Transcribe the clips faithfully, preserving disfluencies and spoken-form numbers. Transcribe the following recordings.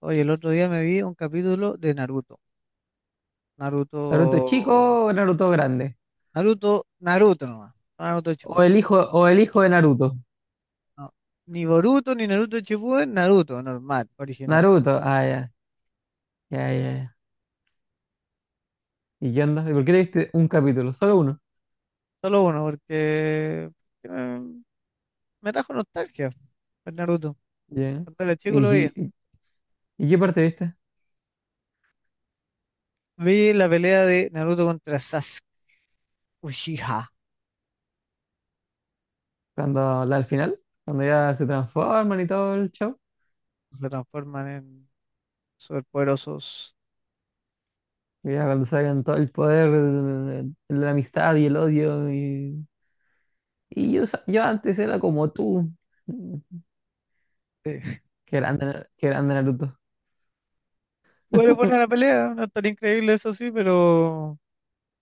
Oye, el otro día me vi un capítulo de Naruto. Naruto. ¿Naruto chico o Naruto grande? Naruto, Naruto nomás, no Naruto O Shippuden. el hijo, o el hijo de Naruto. No. Ni Boruto ni Naruto Shippuden, Naruto normal, original. Naruto, ah, ya, ya, ya. ya. ¿Y qué onda? ¿Y por qué te viste un capítulo? Solo uno. Solo uno, porque porque me, me trajo nostalgia el Naruto. Ya. Cuando era chico lo ¿Y, veía. y- y qué parte viste? Vi la pelea de Naruto contra Sasuke Uchiha. Cuando la al final, cuando ya se transforman y todo el show. Se transforman en superpoderosos. Y ya cuando sacan todo el poder, de la amistad y el odio. Y, y yo, sa- yo antes era como tú. Sí. Qué grande, Na- qué grande Naruto. Igual es buena la pelea, no es tan increíble eso sí, pero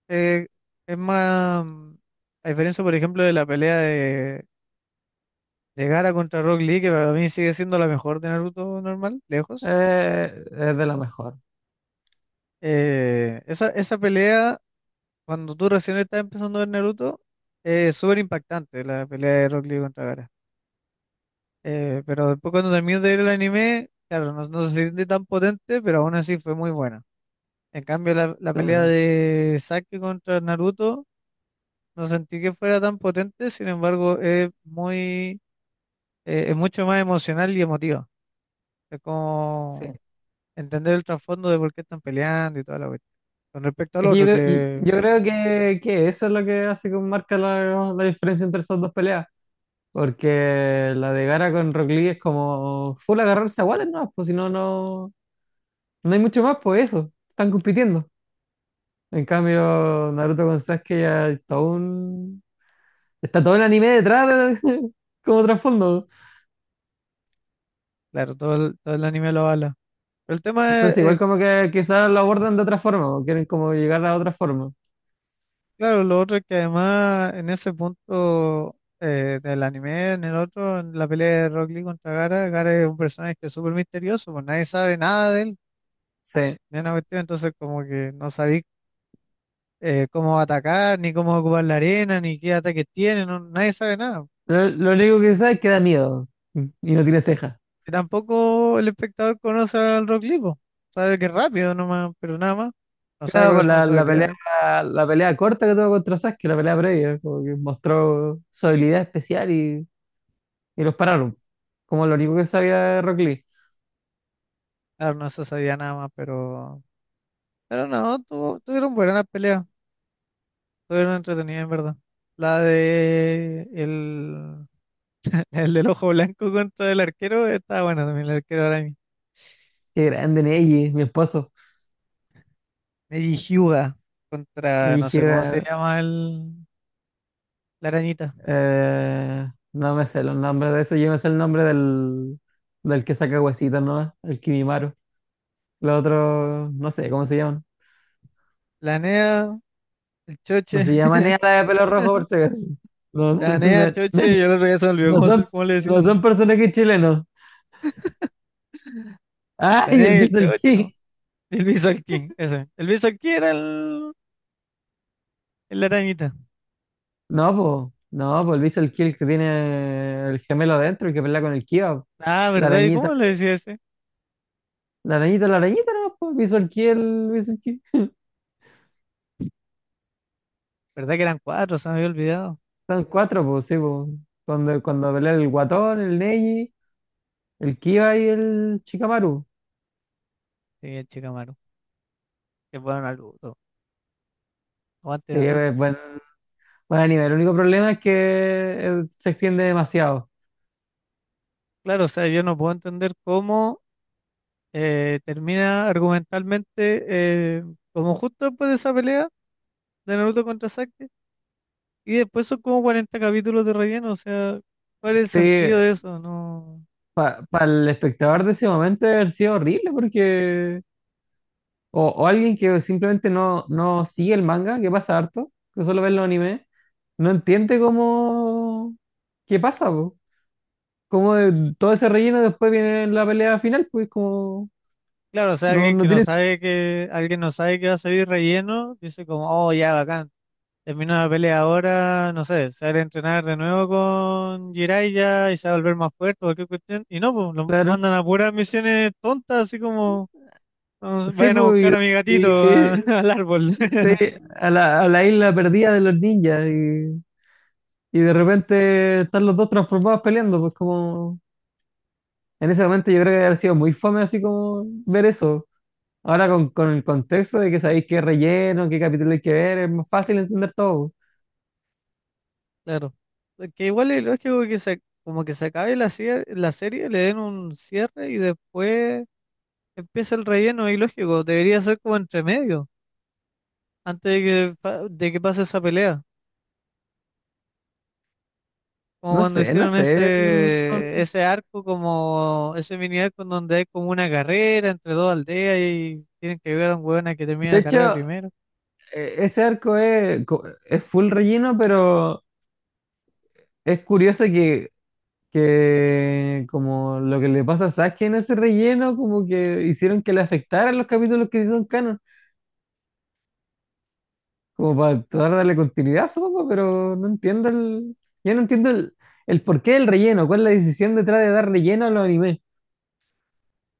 eh, es más, mm, a diferencia, por ejemplo, de la pelea de, de Gaara contra Rock Lee, que para mí sigue siendo la mejor de Naruto normal, lejos. Eh, es de lo mejor, eh, esa, esa pelea, cuando tú recién estás empezando a ver Naruto, eh, es súper impactante la pelea de Rock Lee contra Gaara. Eh, pero después cuando terminas de ver el anime, claro, no, no se siente tan potente, pero aún así fue muy buena. En cambio, la, la pelea claro. de Sasuke contra Naruto, no sentí que fuera tan potente, sin embargo, es muy eh, es mucho más emocional y emotivo. Es Sí. como entender el trasfondo de por qué están peleando y toda la cuestión. Con respecto al Es que yo otro, creo, y- que yo creo que, que eso es lo que hace que marca la, la diferencia entre esas dos peleas. Porque la de Gara con Rock Lee es como full agarrarse a guates, no, pues si no, no, no hay mucho más, pues eso, están compitiendo. En cambio, Naruto con Sasuke ya hay todo un- está todo el anime detrás de- como trasfondo. claro, todo el, todo el anime lo habla. Pero el tema es, Entonces, eh, igual como que quizás lo abordan de otra forma, o quieren como llegar a otra forma. claro, lo otro es que además en ese punto eh, del anime, en el otro, en la pelea de Rock Lee contra Gara, Gara es un personaje que es súper misterioso, pues nadie sabe nada de él, Sí. ni una cuestión, entonces como que no sabéis eh, cómo atacar, ni cómo ocupar la arena, ni qué ataques tiene, no, nadie sabe nada. Lo, lo único que sé es que da miedo y no tiene cejas. Y tampoco el espectador conoce al Rock Lee, po. Sabe que es rápido nomás, pero nada más. No sabe Claro, por cuáles son la, sus la pelea, habilidades. la pelea corta que tuvo contra Sasuke, la pelea previa, como que mostró su habilidad especial y, y los pararon. Como lo único que sabía de Rock Lee. Claro, no se sabía nada más. Pero... Pero no, tuvo- tuvieron buenas peleas. Tuvieron entretenidas, en verdad. La de... El, el del ojo blanco contra el arquero está buena también, el arquero araña. Qué grande Neji, mi esposo. Neji Hyuga Me contra, no sé cómo se dije, llama el, la arañita. eh, no me sé los nombres de eso, yo me sé el nombre del, del que saca huesitos, ¿no? El Kimimaro. Los otros, no sé, ¿cómo se llaman? La NEA, el No choche. se llaman ni a la de pelo rojo por si acaso. No, no, La NEA, no, choche, no, yo el otro día se me olvidó no cómo, son, se- cómo le decía. no son personajes chilenos. La ¡Ay, NEA y el el Diesel choche, King! ¿no? El Visual Key, ese. El Visual Key era el, el arañita. No, pues, no, pues el Visual Kill que tiene el gemelo adentro, y que pelea con el Kiva, Ah, la ¿verdad? ¿Y arañita, cómo le decía ese? la arañita, la arañita, no, pues Visual Kill, Visual Kill. ¿Verdad que eran cuatro? Se me había olvidado. Son cuatro, pues, sí, pues. Cuando, cuando pelea el Guatón, el Neji, el Kiva y el Shikamaru. Sí, el Chikamaru. Que bueno, Naruto. Aguante Sí, Naruto. es buen, buen anime. El único problema es que eh, se extiende demasiado. Claro, o sea, yo no puedo entender cómo eh, termina argumentalmente, eh, como justo después de esa pelea de Naruto contra Sasuke. Y después son como cuarenta capítulos de relleno. O sea, ¿cuál es el Sí, sentido de eso? No. para el espectador de ese momento debe haber sido horrible, porque. O, o alguien que simplemente no, no sigue el manga, que pasa harto, que solo ve los animes no entiende cómo, qué pasa, po. Cómo de- todo ese relleno después viene en la pelea final, pues como, Claro, o sea, no, alguien no que no tiene sentido, sabe que, alguien no sabe que va a salir relleno, dice como, oh, ya, bacán. Termina la pelea ahora, no sé, sale a entrenar de nuevo con Jiraiya y se va a volver más fuerte o cualquier cuestión. Y no, pues lo claro. mandan a puras misiones tontas, así como: "Ah, Sí, vayan a pues, buscar a mi y, gatito a- y- al árbol". sí, a la, a la isla perdida de los ninjas, y, y de repente están los dos transformados peleando, pues como, en ese momento yo creo que habría sido muy fome así como ver eso. Ahora con, con el contexto de que sabéis qué relleno, qué capítulo hay que ver, es más fácil entender todo. Claro. Que igual es lógico que se, como que se acabe la, cier- la serie, le den un cierre y después empieza el relleno, y lógico. Debería ser como entre medio, antes de que, pa- de que pase esa pelea. Como No cuando sé, no hicieron sé. Mm, ese, no- ese arco, como ese mini arco en donde hay como una carrera entre dos aldeas y tienen que ayudar a un hueón a que termine De la carrera hecho, primero. e- ese arco es, co- es full relleno, pero es curioso que, que como lo que le pasa a Sasuke en ese relleno, como que hicieron que le afectaran los capítulos que sí son canon, como para tratar de darle continuidad, supongo, pero no entiendo el, ya no entiendo el, el porqué del relleno, cuál es la decisión detrás de dar relleno a los animes.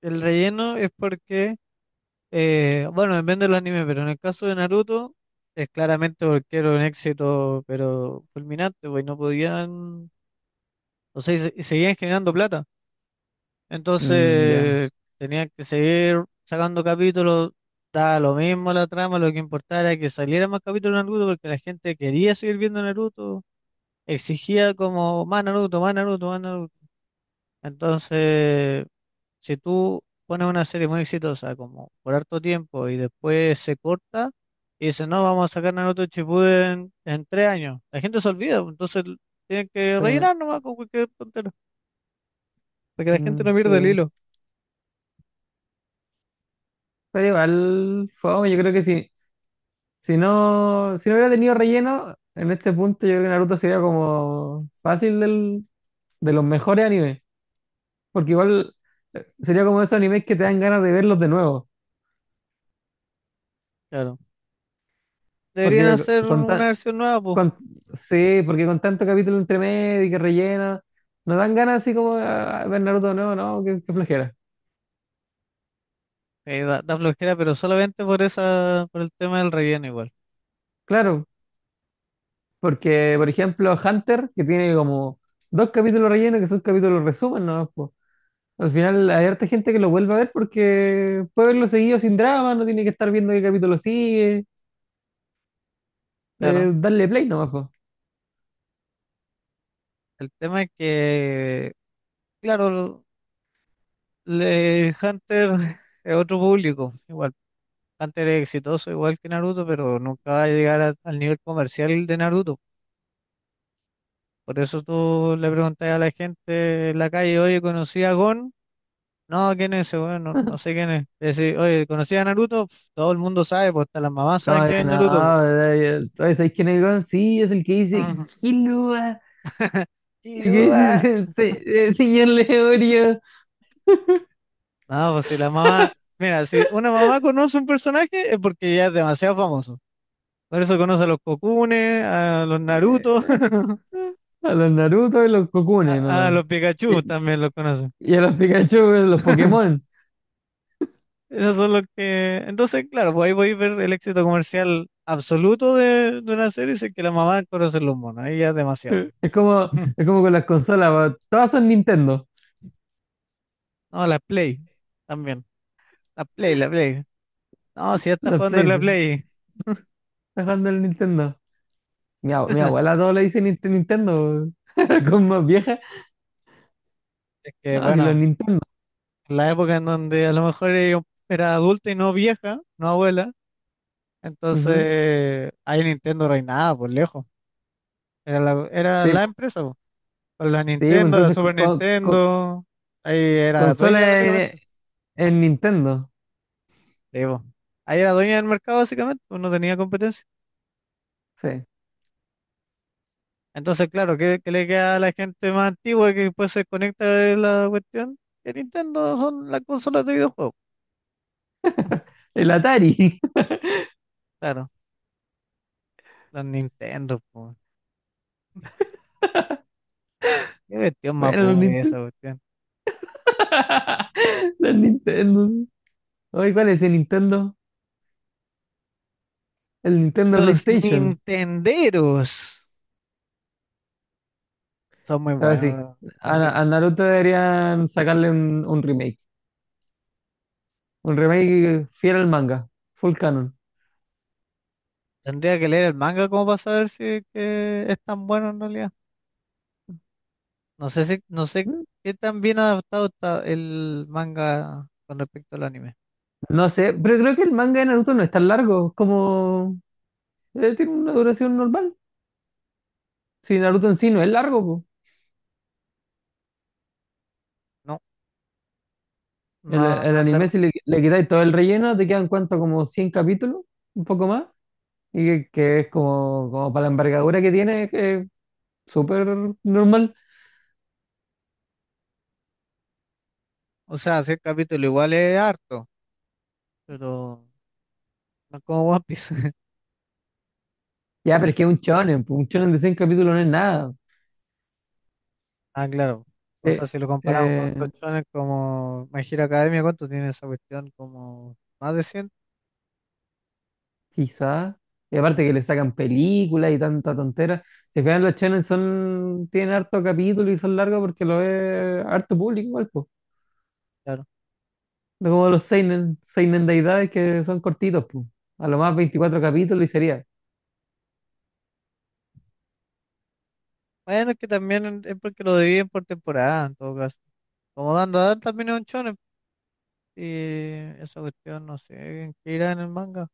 El relleno es porque, eh, bueno, depende de los animes, pero en el caso de Naruto es claramente porque era un éxito, pero fulminante, pues y no podían, o sea, y se- y seguían generando plata. Mm, ya, Entonces tenían que seguir sacando capítulos, daba lo mismo la trama, lo que importaba era que saliera más capítulos de Naruto porque la gente quería seguir viendo Naruto, exigía como más Naruto, más Naruto, más Naruto. Entonces, si tú pones una serie muy exitosa como por harto tiempo y después se corta y dice no, vamos a sacar Naruto Shippuden en tres años, la gente se olvida, pues, entonces tienen que sí, rellenar nomás con cualquier tontera, para que la gente no mm, pierda el sí. hilo. Pero igual, fue, yo creo que sí. Si no, si no hubiera tenido relleno, en este punto yo creo que Naruto sería como fácil del- de los mejores animes. Porque igual eh, sería como esos animes que te dan ganas de verlos de nuevo. Claro. Deberían Porque hacer con, tan- una versión nueva, pues. con, sí, porque con tanto capítulo entre medio y que rellena, nos dan ganas así como a, ver Naruto de nuevo, ¿no? Qué, qué flojera. Eh, da, da flojera, pero solamente por esa, por el tema del relleno igual. Claro, porque por ejemplo Hunter, que tiene como dos capítulos rellenos que son capítulos resumen, ¿no? Al final hay harta gente que lo vuelve a ver porque puede verlo seguido sin drama, no tiene que estar viendo qué capítulo sigue, Claro. eh, darle play nomás, po. El tema es que, claro, lo- le, Hunter es otro público. Igual, Hunter es exitoso igual que Naruto, pero nunca va a llegar a- al nivel comercial de Naruto. Por eso tú le preguntas a la gente en la calle, oye, ¿conocí a Gon? No, ¿quién es ese? Bueno, no, no sé quién es. Le decís, oye, ¿conocí a Naruto? Pf, todo el mundo sabe, pues hasta las mamás saben Como quién que es Naruto, no, eh, eh, ¿sabes quién es el weón? Sí, es el que pues. dice, Ujú. ¿qué luba? ¿Qué dice Killua. se- se- eh, señor Leorio? No, pues si la mamá, mira, si una mamá conoce un personaje es porque ya es demasiado famoso. Por eso conoce a los Kokune, a los Naruto, Eh, a los Naruto y los Kokunes, a, a ¿no? los Pikachu Y, también los conoce. y a los Pikachu, eh, los Pokémon. Esos son los que. Entonces, claro, pues ahí voy a ver el éxito comercial absoluto de, de, una serie, si es que la mamá conoce los monos, ahí ya es demasiado. Es como, es como con las consolas, po. Todas son Nintendo. No, la Play también, la Play, la Play. No, si ya está Los jugando Play, en la está Play. jugando el Nintendo. Mi, ab- mi abuela todo le dice Ninte- Nintendo, po. Con más vieja. Es que No, si los bueno, Nintendo. la época en donde a lo mejor ella era adulta y no vieja, no abuela. Ujú. Entonces, ahí Nintendo reinaba por lejos. Era la, era Sí, la po. empresa, po. Con la Sí, po, Nintendo, la entonces co- Super co- co- Nintendo, ahí era dueña consola en, básicamente. en Nintendo. Sí, po. Ahí era dueña del mercado básicamente, pues no tenía competencia. Sí. Entonces, claro, ¿qué, qué le queda a la gente más antigua que después se conecta de la cuestión? Que Nintendo son las consolas de videojuegos. El Atari. Claro, las Nintendo, po. Qué cuestión más Bueno, los boomer es Nintendo. esa cuestión. Los Nintendo. Sí. Oye, ¿cuál es el Nintendo? El Nintendo Los PlayStation. Nintenderos son muy Ah, sí. buenos. A, a Naruto deberían sacarle un, un remake. Un remake fiel al manga. Full canon. Tendría que leer el manga como para saber si es que es tan bueno en realidad. No sé si, no sé Mm. qué tan bien adaptado está el manga con respecto al anime. No sé, pero creo que el manga de Naruto no es tan largo. Es como eh, tiene una duración normal. Si Naruto en sí no es largo, No, El, no, el no es largo. anime, si le, le quitáis todo el relleno, te quedan cuánto, como cien capítulos, un poco más, y que, que es como, como para la envergadura que tiene, que es súper normal. O sea, si el capítulo igual es harto, pero no es como One Piece. Ya, pero es que es un shonen, pues, un shonen de cien capítulos no es nada. Ah, claro. O sea, Eh, si lo comparamos con eh, otros como My Hero Academia, ¿cuánto tiene esa cuestión? Como más de cien, quizás, y aparte que le sacan películas y tanta tontera. Si fijan, los shonen son, tienen harto capítulo y son largos porque lo ve harto público igual, pues. claro. No como los seinen, seinen de edades que son cortitos, pues. A lo más veinticuatro capítulos y sería. Bueno, es que también es porque lo dividen por temporada, en todo caso. Como dando también es un shonen, y esa cuestión no sé en qué irá en el manga.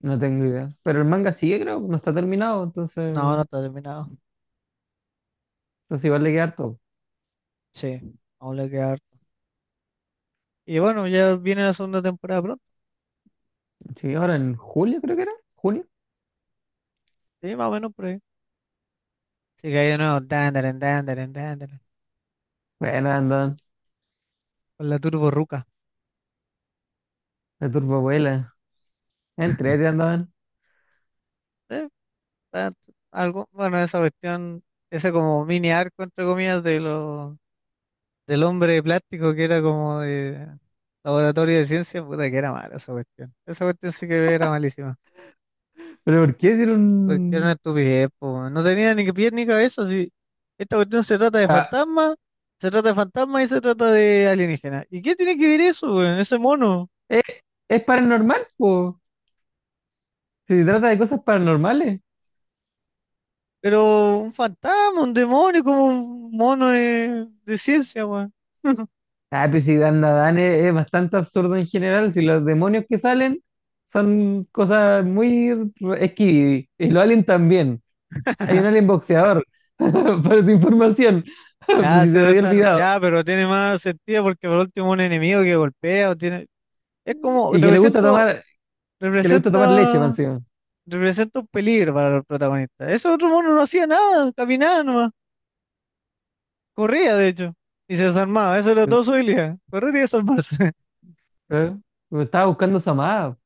No tengo idea. Pero el manga sigue, creo, no está terminado, No, no entonces, está terminado. pues igual le queda harto. Sí, aún le queda harto. Y bueno, ya viene la segunda temporada pronto. Sí, ahora en julio creo que era, junio. Sí, más o menos por ahí. Así que ahí de nuevo, dandaren, dandaren, dandaren. Bueno, andaban, Con la Turbo Ruca. la turboabuela, entrete andaban. Sí, está- algo, bueno, esa cuestión, ese como mini arco, entre comillas, de lo, del hombre de plástico que era como de laboratorio de ciencia, puta que era mala esa cuestión. Esa cuestión sí que era malísima. Pero ¿por qué Porque era una hicieron...? estupidez, po, weón. No tenía ni pies ni cabeza. Si esta cuestión se trata de Ah, fantasmas, se trata de fantasmas y se trata de alienígenas. ¿Y qué tiene que ver eso, weón? Ese mono. ¿es, es paranormal, po? Si se trata de cosas paranormales. Pero un fantasma, un demonio, como un mono de, de, ciencia, weón. Ah, pero si Dan Dan es, es bastante absurdo en general, si los demonios que salen son cosas muy re- esquivy, y los aliens también. Hay un alien boxeador, para tu información, por Ya, si se sí, te sí había está- olvidado. ya, pero tiene más sentido porque por último un enemigo que golpea o tiene. Es como Y que le gusta represento, tomar que le gusta tomar leche, representa, más encima. representa un peligro para los protagonistas. Ese otro mono no hacía nada, caminaba nomás. Corría, de hecho, y se desarmaba. Esa era Eh, toda su habilidad. Correr y desarmarse. eh, me estaba buscando Samá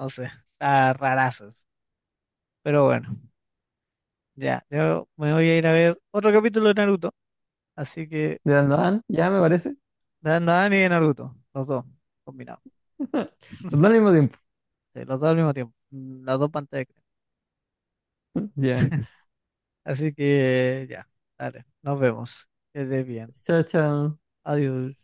No sé, está rarazo. Pero bueno, ya. Yo me voy a ir a ver otro capítulo de Naruto. Así que, de Dan Dan, ya me parece. da- Nadan y Naruto. Los dos, combinados. Los dos al mismo tiempo. Sí, los dos al mismo tiempo. mm, Las dos pantallas. Ya. Así que, ya. Dale, nos vemos. Que estés bien. Chao, chao. Adiós.